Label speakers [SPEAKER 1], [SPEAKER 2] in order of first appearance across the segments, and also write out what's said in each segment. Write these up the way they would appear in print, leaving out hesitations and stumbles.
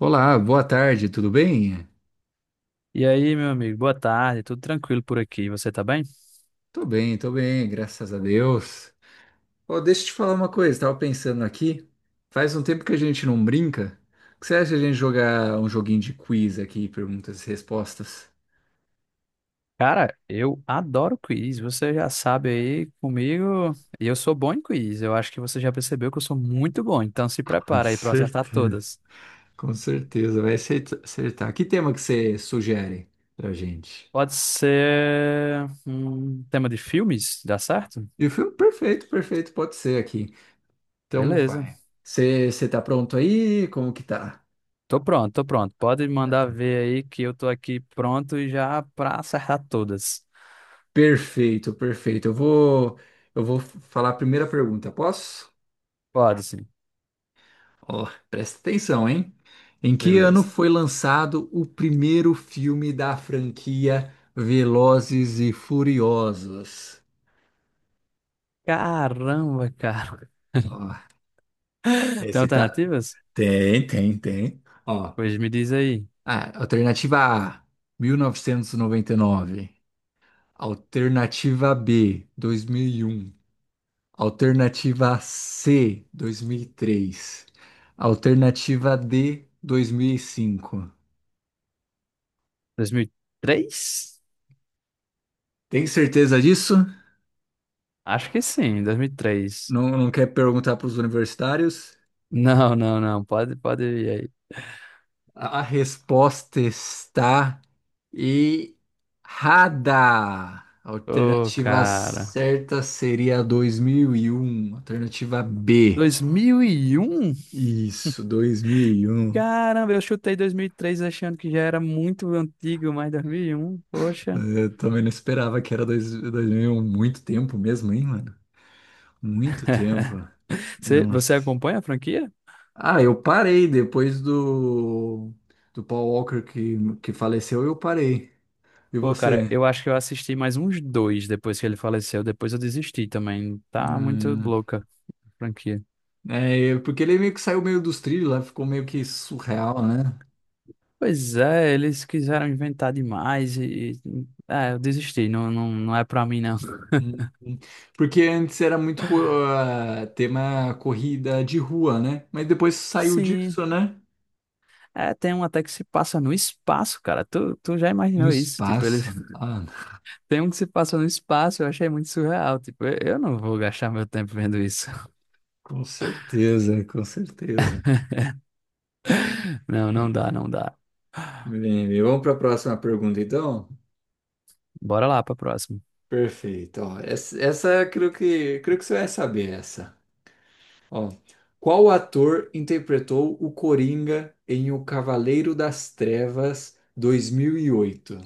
[SPEAKER 1] Olá, boa tarde, tudo bem?
[SPEAKER 2] E aí, meu amigo, boa tarde, tudo tranquilo por aqui, você tá bem?
[SPEAKER 1] Tô bem, tô bem, graças a Deus. Ó, deixa eu te falar uma coisa, tava pensando aqui, faz um tempo que a gente não brinca. O que você acha de a gente jogar um joguinho de quiz aqui, perguntas e respostas?
[SPEAKER 2] Cara, eu adoro quiz, você já sabe aí comigo, e eu sou bom em quiz, eu acho que você já percebeu que eu sou muito bom, então se
[SPEAKER 1] Com
[SPEAKER 2] prepara aí pra eu acertar
[SPEAKER 1] certeza.
[SPEAKER 2] todas.
[SPEAKER 1] Com certeza, vai acertar. Que tema que você sugere pra gente?
[SPEAKER 2] Pode ser um tema de filmes, dá certo?
[SPEAKER 1] E o filme, perfeito, perfeito, pode ser aqui. Então
[SPEAKER 2] Beleza,
[SPEAKER 1] vai. Você tá pronto aí? Como que tá?
[SPEAKER 2] tô pronto, pode mandar ver aí que eu tô aqui pronto e já pra acertar todas.
[SPEAKER 1] Perfeito, perfeito. Eu vou falar a primeira pergunta, posso?
[SPEAKER 2] Pode sim,
[SPEAKER 1] Ó, presta atenção, hein? Em que ano
[SPEAKER 2] beleza.
[SPEAKER 1] foi lançado o primeiro filme da franquia Velozes e Furiosos?
[SPEAKER 2] Caramba, cara,
[SPEAKER 1] Ó,
[SPEAKER 2] tem
[SPEAKER 1] esse tá.
[SPEAKER 2] alternativas?
[SPEAKER 1] Tem, tem, tem. Ó,
[SPEAKER 2] Pois me diz aí.
[SPEAKER 1] ah, alternativa A, mil novecentos e noventa e nove. Alternativa B, 2001. Alternativa C, 2003. Alternativa D, 2005.
[SPEAKER 2] 2003?
[SPEAKER 1] Tem certeza disso?
[SPEAKER 2] Acho que sim, 2003.
[SPEAKER 1] Não, não quer perguntar para os universitários?
[SPEAKER 2] Não, pode ir aí.
[SPEAKER 1] A resposta está errada. A
[SPEAKER 2] Ô,
[SPEAKER 1] alternativa
[SPEAKER 2] cara.
[SPEAKER 1] certa seria 2001. Alternativa B.
[SPEAKER 2] 2001?
[SPEAKER 1] Isso, 2001.
[SPEAKER 2] Caramba, eu chutei 2003 achando que já era muito antigo, mas 2001, poxa.
[SPEAKER 1] Eu também não esperava que era 2001. Muito tempo mesmo, hein, mano? Muito tempo.
[SPEAKER 2] Você,
[SPEAKER 1] Não.
[SPEAKER 2] você acompanha a franquia?
[SPEAKER 1] Ah, eu parei depois do Paul Walker que faleceu, eu parei. E
[SPEAKER 2] Pô, cara,
[SPEAKER 1] você?
[SPEAKER 2] eu acho que eu assisti mais uns dois depois que ele faleceu. Depois eu desisti também. Tá muito
[SPEAKER 1] Ah,
[SPEAKER 2] louca a franquia.
[SPEAKER 1] é, porque ele meio que saiu meio dos trilhos lá, ficou meio que surreal, né?
[SPEAKER 2] Pois é, eles quiseram inventar demais É, eu desisti. Não, não é pra mim, não.
[SPEAKER 1] Uhum. Porque antes era muito ah, tema corrida de rua, né? Mas depois saiu
[SPEAKER 2] Sim,
[SPEAKER 1] disso, né?
[SPEAKER 2] é, tem um até que se passa no espaço, cara. Tu já
[SPEAKER 1] No
[SPEAKER 2] imaginou isso? Tipo, eles
[SPEAKER 1] espaço. Ah,
[SPEAKER 2] tem um que se passa no espaço, eu achei muito surreal. Tipo, eu não vou gastar meu tempo vendo isso.
[SPEAKER 1] com certeza, com certeza.
[SPEAKER 2] Não, não dá.
[SPEAKER 1] Bem, vamos para a próxima pergunta, então?
[SPEAKER 2] Bora lá pra próxima.
[SPEAKER 1] Perfeito. Ó, essa creio que você vai saber essa. Ó, qual ator interpretou o Coringa em O Cavaleiro das Trevas 2008?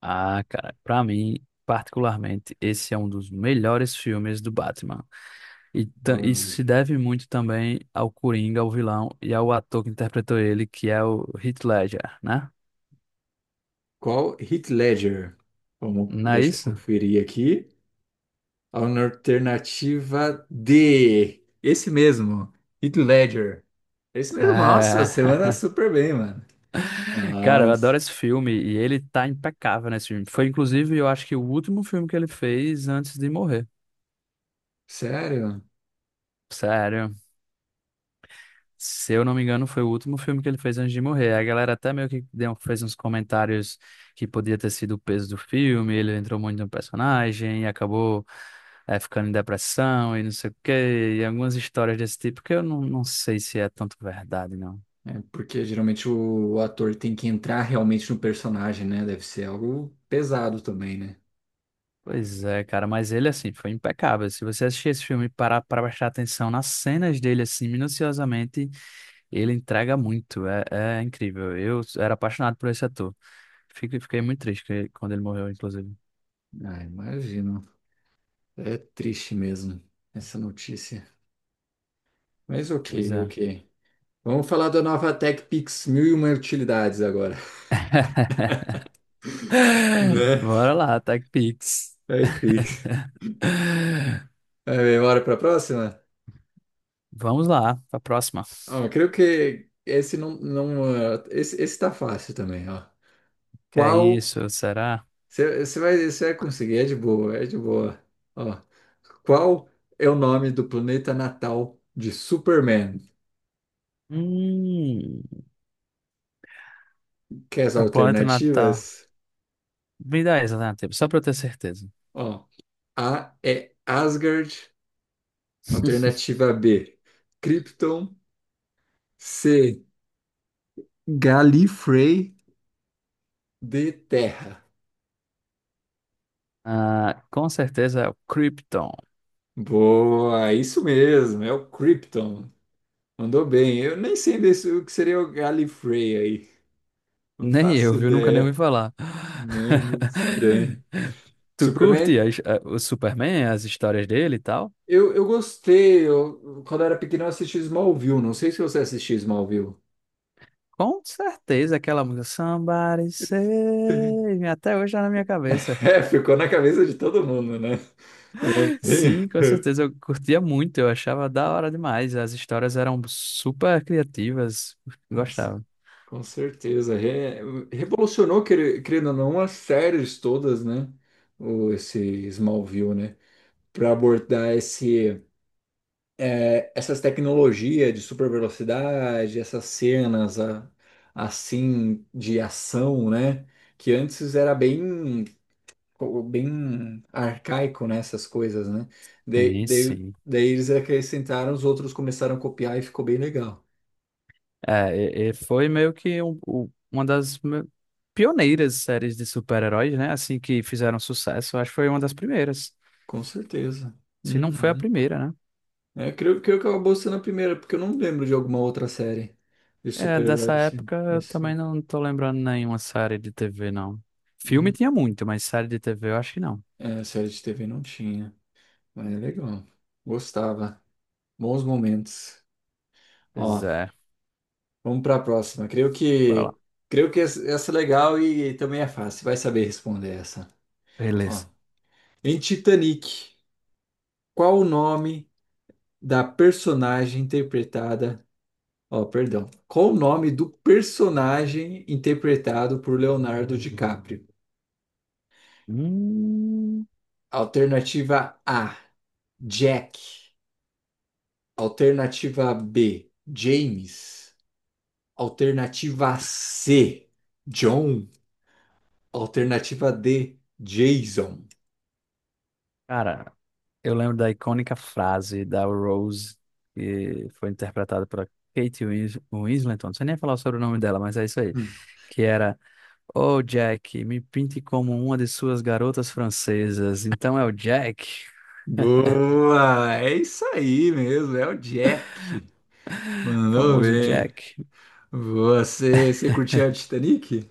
[SPEAKER 2] Ah, cara, pra mim, particularmente, esse é um dos melhores filmes do Batman. E isso
[SPEAKER 1] Hum.
[SPEAKER 2] se deve muito também ao Coringa, ao vilão e ao ator que interpretou ele, que é o Heath Ledger, né?
[SPEAKER 1] Qual? Heath Ledger. Vamos,
[SPEAKER 2] Não é
[SPEAKER 1] deixa eu
[SPEAKER 2] isso?
[SPEAKER 1] conferir aqui. A alternativa D. Esse mesmo, Heath Ledger. Esse mesmo. Nossa,
[SPEAKER 2] É.
[SPEAKER 1] você anda super bem, mano.
[SPEAKER 2] Cara, eu
[SPEAKER 1] Nossa.
[SPEAKER 2] adoro esse filme e ele tá impecável nesse filme. Foi, inclusive, eu acho que o último filme que ele fez antes de morrer.
[SPEAKER 1] Sério?
[SPEAKER 2] Sério. Se eu não me engano, foi o último filme que ele fez antes de morrer. A galera até meio que deu, fez uns comentários que podia ter sido o peso do filme, ele entrou muito no personagem e acabou ficando em depressão e não sei o quê. E algumas histórias desse tipo que eu não sei se é tanto verdade, não.
[SPEAKER 1] É, porque geralmente o ator tem que entrar realmente no personagem, né? Deve ser algo pesado também, né?
[SPEAKER 2] Pois é, cara, mas ele, assim, foi impecável. Se você assistir esse filme e parar para prestar atenção nas cenas dele, assim, minuciosamente, ele entrega muito. É incrível. Eu era apaixonado por esse ator. Fiquei muito triste quando ele morreu, inclusive.
[SPEAKER 1] Ah, imagino. É triste mesmo essa notícia. Mas
[SPEAKER 2] Pois
[SPEAKER 1] ok,
[SPEAKER 2] é.
[SPEAKER 1] ok. Vamos falar da nova TechPix 1001 utilidades agora. Né?
[SPEAKER 2] Bora lá, Tech Pix.
[SPEAKER 1] Aí fica. É, bora pra próxima?
[SPEAKER 2] Vamos lá, pra próxima.
[SPEAKER 1] Ó, creio que esse não, não, ah, esse tá fácil também, ó.
[SPEAKER 2] Que é
[SPEAKER 1] Qual
[SPEAKER 2] isso, será?
[SPEAKER 1] Você vai conseguir, é de boa, é de boa. Ó, qual é o nome do planeta natal de Superman?
[SPEAKER 2] Hum,
[SPEAKER 1] Quer as
[SPEAKER 2] é o Planeta Natal.
[SPEAKER 1] alternativas?
[SPEAKER 2] Me dá essa alternativa, só pra eu ter certeza.
[SPEAKER 1] Ó, A é Asgard, alternativa B, Krypton, C, Gallifrey, D, Terra.
[SPEAKER 2] Ah, com certeza é o Krypton.
[SPEAKER 1] Boa, isso mesmo, é o Krypton. Mandou bem. Eu nem sei o que seria o Gallifrey aí. Não
[SPEAKER 2] Nem
[SPEAKER 1] faço
[SPEAKER 2] eu, viu? Nunca nem ouvi
[SPEAKER 1] ideia.
[SPEAKER 2] falar.
[SPEAKER 1] Não é muito estranho.
[SPEAKER 2] Tu curte
[SPEAKER 1] Superman
[SPEAKER 2] o Superman, as histórias dele e tal?
[SPEAKER 1] Eu gostei, eu, quando eu era pequeno eu assisti Smallville, não sei se você assistiu Smallville.
[SPEAKER 2] Com certeza aquela música Somebody Save Me, até hoje tá na minha cabeça.
[SPEAKER 1] É, ficou na cabeça de todo mundo, né? Sim.
[SPEAKER 2] Sim, com certeza, eu curtia muito, eu achava da hora demais. As histórias eram super criativas,
[SPEAKER 1] Com,
[SPEAKER 2] gostava.
[SPEAKER 1] com certeza. Revolucionou, querendo ou não, as séries todas, né? O, esse Smallville, né? Para abordar esse, é, essas tecnologias de super velocidade, essas cenas assim de ação, né? Que antes era bem, bem arcaico nessas coisas, né? Daí,
[SPEAKER 2] Sim,
[SPEAKER 1] daí,
[SPEAKER 2] sim.
[SPEAKER 1] daí eles acrescentaram, os outros começaram a copiar e ficou bem legal.
[SPEAKER 2] É, e foi meio que uma das pioneiras séries de super-heróis, né? Assim que fizeram sucesso. Acho que foi uma das primeiras.
[SPEAKER 1] Com certeza.
[SPEAKER 2] Se não foi a
[SPEAKER 1] Uhum.
[SPEAKER 2] primeira, né?
[SPEAKER 1] É, creio que acabou sendo a primeira, porque eu não lembro de alguma outra série de
[SPEAKER 2] É, dessa
[SPEAKER 1] super-heróis assim,
[SPEAKER 2] época eu também não tô lembrando nenhuma série de TV, não. Filme
[SPEAKER 1] Uhum.
[SPEAKER 2] tinha muito, mas série de TV eu acho que não.
[SPEAKER 1] É, série de TV não tinha, mas é legal. Gostava. Bons momentos.
[SPEAKER 2] Pois
[SPEAKER 1] Ó,
[SPEAKER 2] é,
[SPEAKER 1] vamos para a próxima. Creio
[SPEAKER 2] bora
[SPEAKER 1] que
[SPEAKER 2] lá.
[SPEAKER 1] creio que essa é legal e também é fácil. Vai saber responder essa. Ó,
[SPEAKER 2] Beleza.
[SPEAKER 1] em Titanic. Qual o nome da personagem interpretada? Ó, perdão. Qual o nome do personagem interpretado por Leonardo DiCaprio?
[SPEAKER 2] Hum,
[SPEAKER 1] Alternativa A, Jack. Alternativa B, James. Alternativa C, John. Alternativa D, Jason.
[SPEAKER 2] cara, eu lembro da icônica frase da Rose, que foi interpretada pela Kate Winslet. Não sei nem falar sobre o nome dela, mas é isso aí
[SPEAKER 1] Hum.
[SPEAKER 2] que era: "Oh, Jack, me pinte como uma de suas garotas francesas." Então é o Jack,
[SPEAKER 1] Boa! É isso aí mesmo, é o Jack. Mandou
[SPEAKER 2] famoso
[SPEAKER 1] bem.
[SPEAKER 2] Jack.
[SPEAKER 1] Você curtia o Titanic?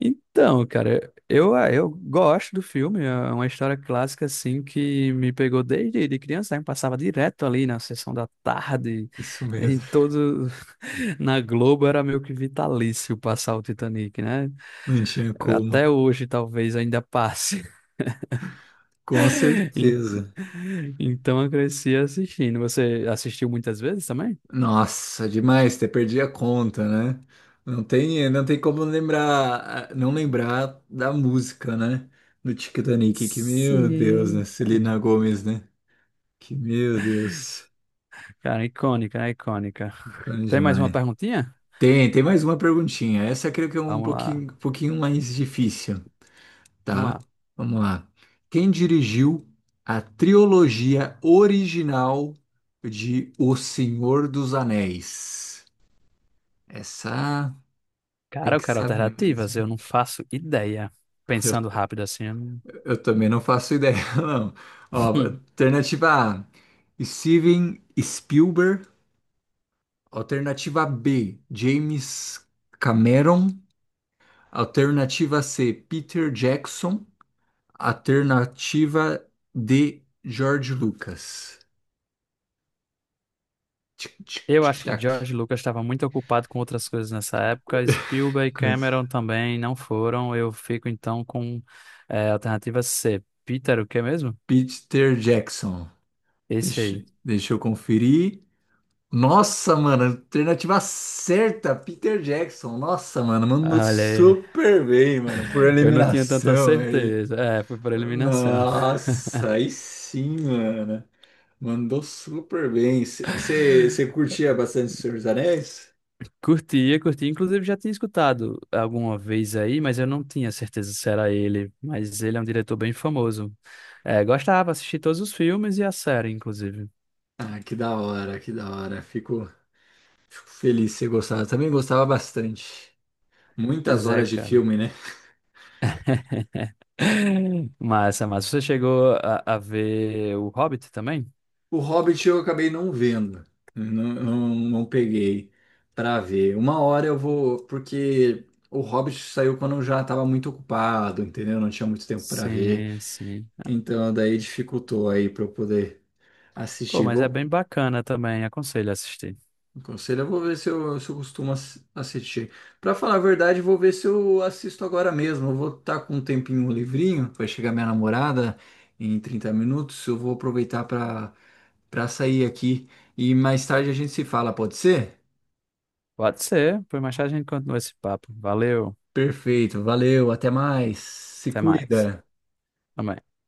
[SPEAKER 2] Então, cara, eu, ah, eu gosto do filme. É uma história clássica, assim, que me pegou desde de criança, né? Eu passava direto ali na sessão da tarde,
[SPEAKER 1] Isso
[SPEAKER 2] em
[SPEAKER 1] mesmo.
[SPEAKER 2] todo... Na Globo era meio que vitalício passar o Titanic, né?
[SPEAKER 1] Não tinha como.
[SPEAKER 2] Até hoje, talvez, ainda passe.
[SPEAKER 1] Com
[SPEAKER 2] En-
[SPEAKER 1] certeza.
[SPEAKER 2] Então eu cresci assistindo. Você assistiu muitas vezes também?
[SPEAKER 1] Nossa, demais, até perdi a conta, né? Não tem como lembrar, não lembrar da música, né? Do Titanic, que meu Deus, né?
[SPEAKER 2] Sim,
[SPEAKER 1] Celina
[SPEAKER 2] cara.
[SPEAKER 1] Gomes, né? Que meu Deus,
[SPEAKER 2] Cara, icônica, né? Icônica.
[SPEAKER 1] grande
[SPEAKER 2] Tem mais uma
[SPEAKER 1] demais.
[SPEAKER 2] perguntinha?
[SPEAKER 1] Tem mais uma perguntinha. Essa eu creio que é um
[SPEAKER 2] Vamos lá,
[SPEAKER 1] pouquinho, pouquinho mais difícil.
[SPEAKER 2] vamos
[SPEAKER 1] Tá,
[SPEAKER 2] lá.
[SPEAKER 1] vamos lá. Quem dirigiu a trilogia original de O Senhor dos Anéis? Essa tem
[SPEAKER 2] Cara, eu
[SPEAKER 1] que
[SPEAKER 2] quero
[SPEAKER 1] saber
[SPEAKER 2] alternativas, eu
[SPEAKER 1] mesmo.
[SPEAKER 2] não faço ideia.
[SPEAKER 1] Eu,
[SPEAKER 2] Pensando rápido assim, eu não-
[SPEAKER 1] eu também não faço ideia, não. Ó,
[SPEAKER 2] Hum.
[SPEAKER 1] alternativa A, Steven Spielberg. Alternativa B, James Cameron. Alternativa C, Peter Jackson. Alternativa D, George Lucas. Tic, tic,
[SPEAKER 2] Eu
[SPEAKER 1] tic,
[SPEAKER 2] acho que
[SPEAKER 1] tac.
[SPEAKER 2] George Lucas estava muito ocupado com outras coisas nessa época. Spielberg e
[SPEAKER 1] Cruz.
[SPEAKER 2] Cameron também não foram. Eu fico então com é, alternativa C. Peter, o que mesmo?
[SPEAKER 1] Peter Jackson.
[SPEAKER 2] Esse
[SPEAKER 1] Deixa,
[SPEAKER 2] aí.
[SPEAKER 1] deixa eu conferir. Nossa, mano, alternativa certa, Peter Jackson. Nossa, mano, mandou
[SPEAKER 2] Olha aí.
[SPEAKER 1] super bem, mano, por
[SPEAKER 2] Eu não tinha tanta
[SPEAKER 1] eliminação aí.
[SPEAKER 2] certeza. É, foi por eliminação.
[SPEAKER 1] Nossa, aí sim, mano. Mandou super bem. Você curtia bastante o Senhor dos Anéis?
[SPEAKER 2] Curtia, inclusive, já tinha escutado alguma vez aí, mas eu não tinha certeza se era ele. Mas ele é um diretor bem famoso. É, gostava, assisti todos os filmes e a série, inclusive.
[SPEAKER 1] Ah, que da hora, que da hora. Fico feliz de você gostava. Também gostava bastante. Muitas
[SPEAKER 2] Pois é,
[SPEAKER 1] horas de
[SPEAKER 2] cara.
[SPEAKER 1] filme, né?
[SPEAKER 2] Massa, massa. Você chegou a ver o Hobbit também?
[SPEAKER 1] O Hobbit eu acabei não vendo, não, não, não peguei pra ver. Uma hora eu vou, porque o Hobbit saiu quando eu já estava muito ocupado, entendeu? Não tinha muito tempo pra ver,
[SPEAKER 2] Sim, sim. Ah,
[SPEAKER 1] então daí dificultou aí para eu poder
[SPEAKER 2] pô,
[SPEAKER 1] assistir.
[SPEAKER 2] mas é bem bacana também. Aconselho a assistir.
[SPEAKER 1] Conselho, eu vou ver se eu costumo assistir. Pra falar a verdade, eu vou ver se eu assisto agora mesmo. Eu vou estar com um tempinho um livrinho, vai chegar minha namorada em 30 minutos. Eu vou aproveitar pra para sair aqui e mais tarde a gente se fala, pode ser?
[SPEAKER 2] Pode ser. Por mais tarde a gente continua esse papo. Valeu.
[SPEAKER 1] Perfeito, valeu, até mais. Se
[SPEAKER 2] Até mais.
[SPEAKER 1] cuida.
[SPEAKER 2] Amém.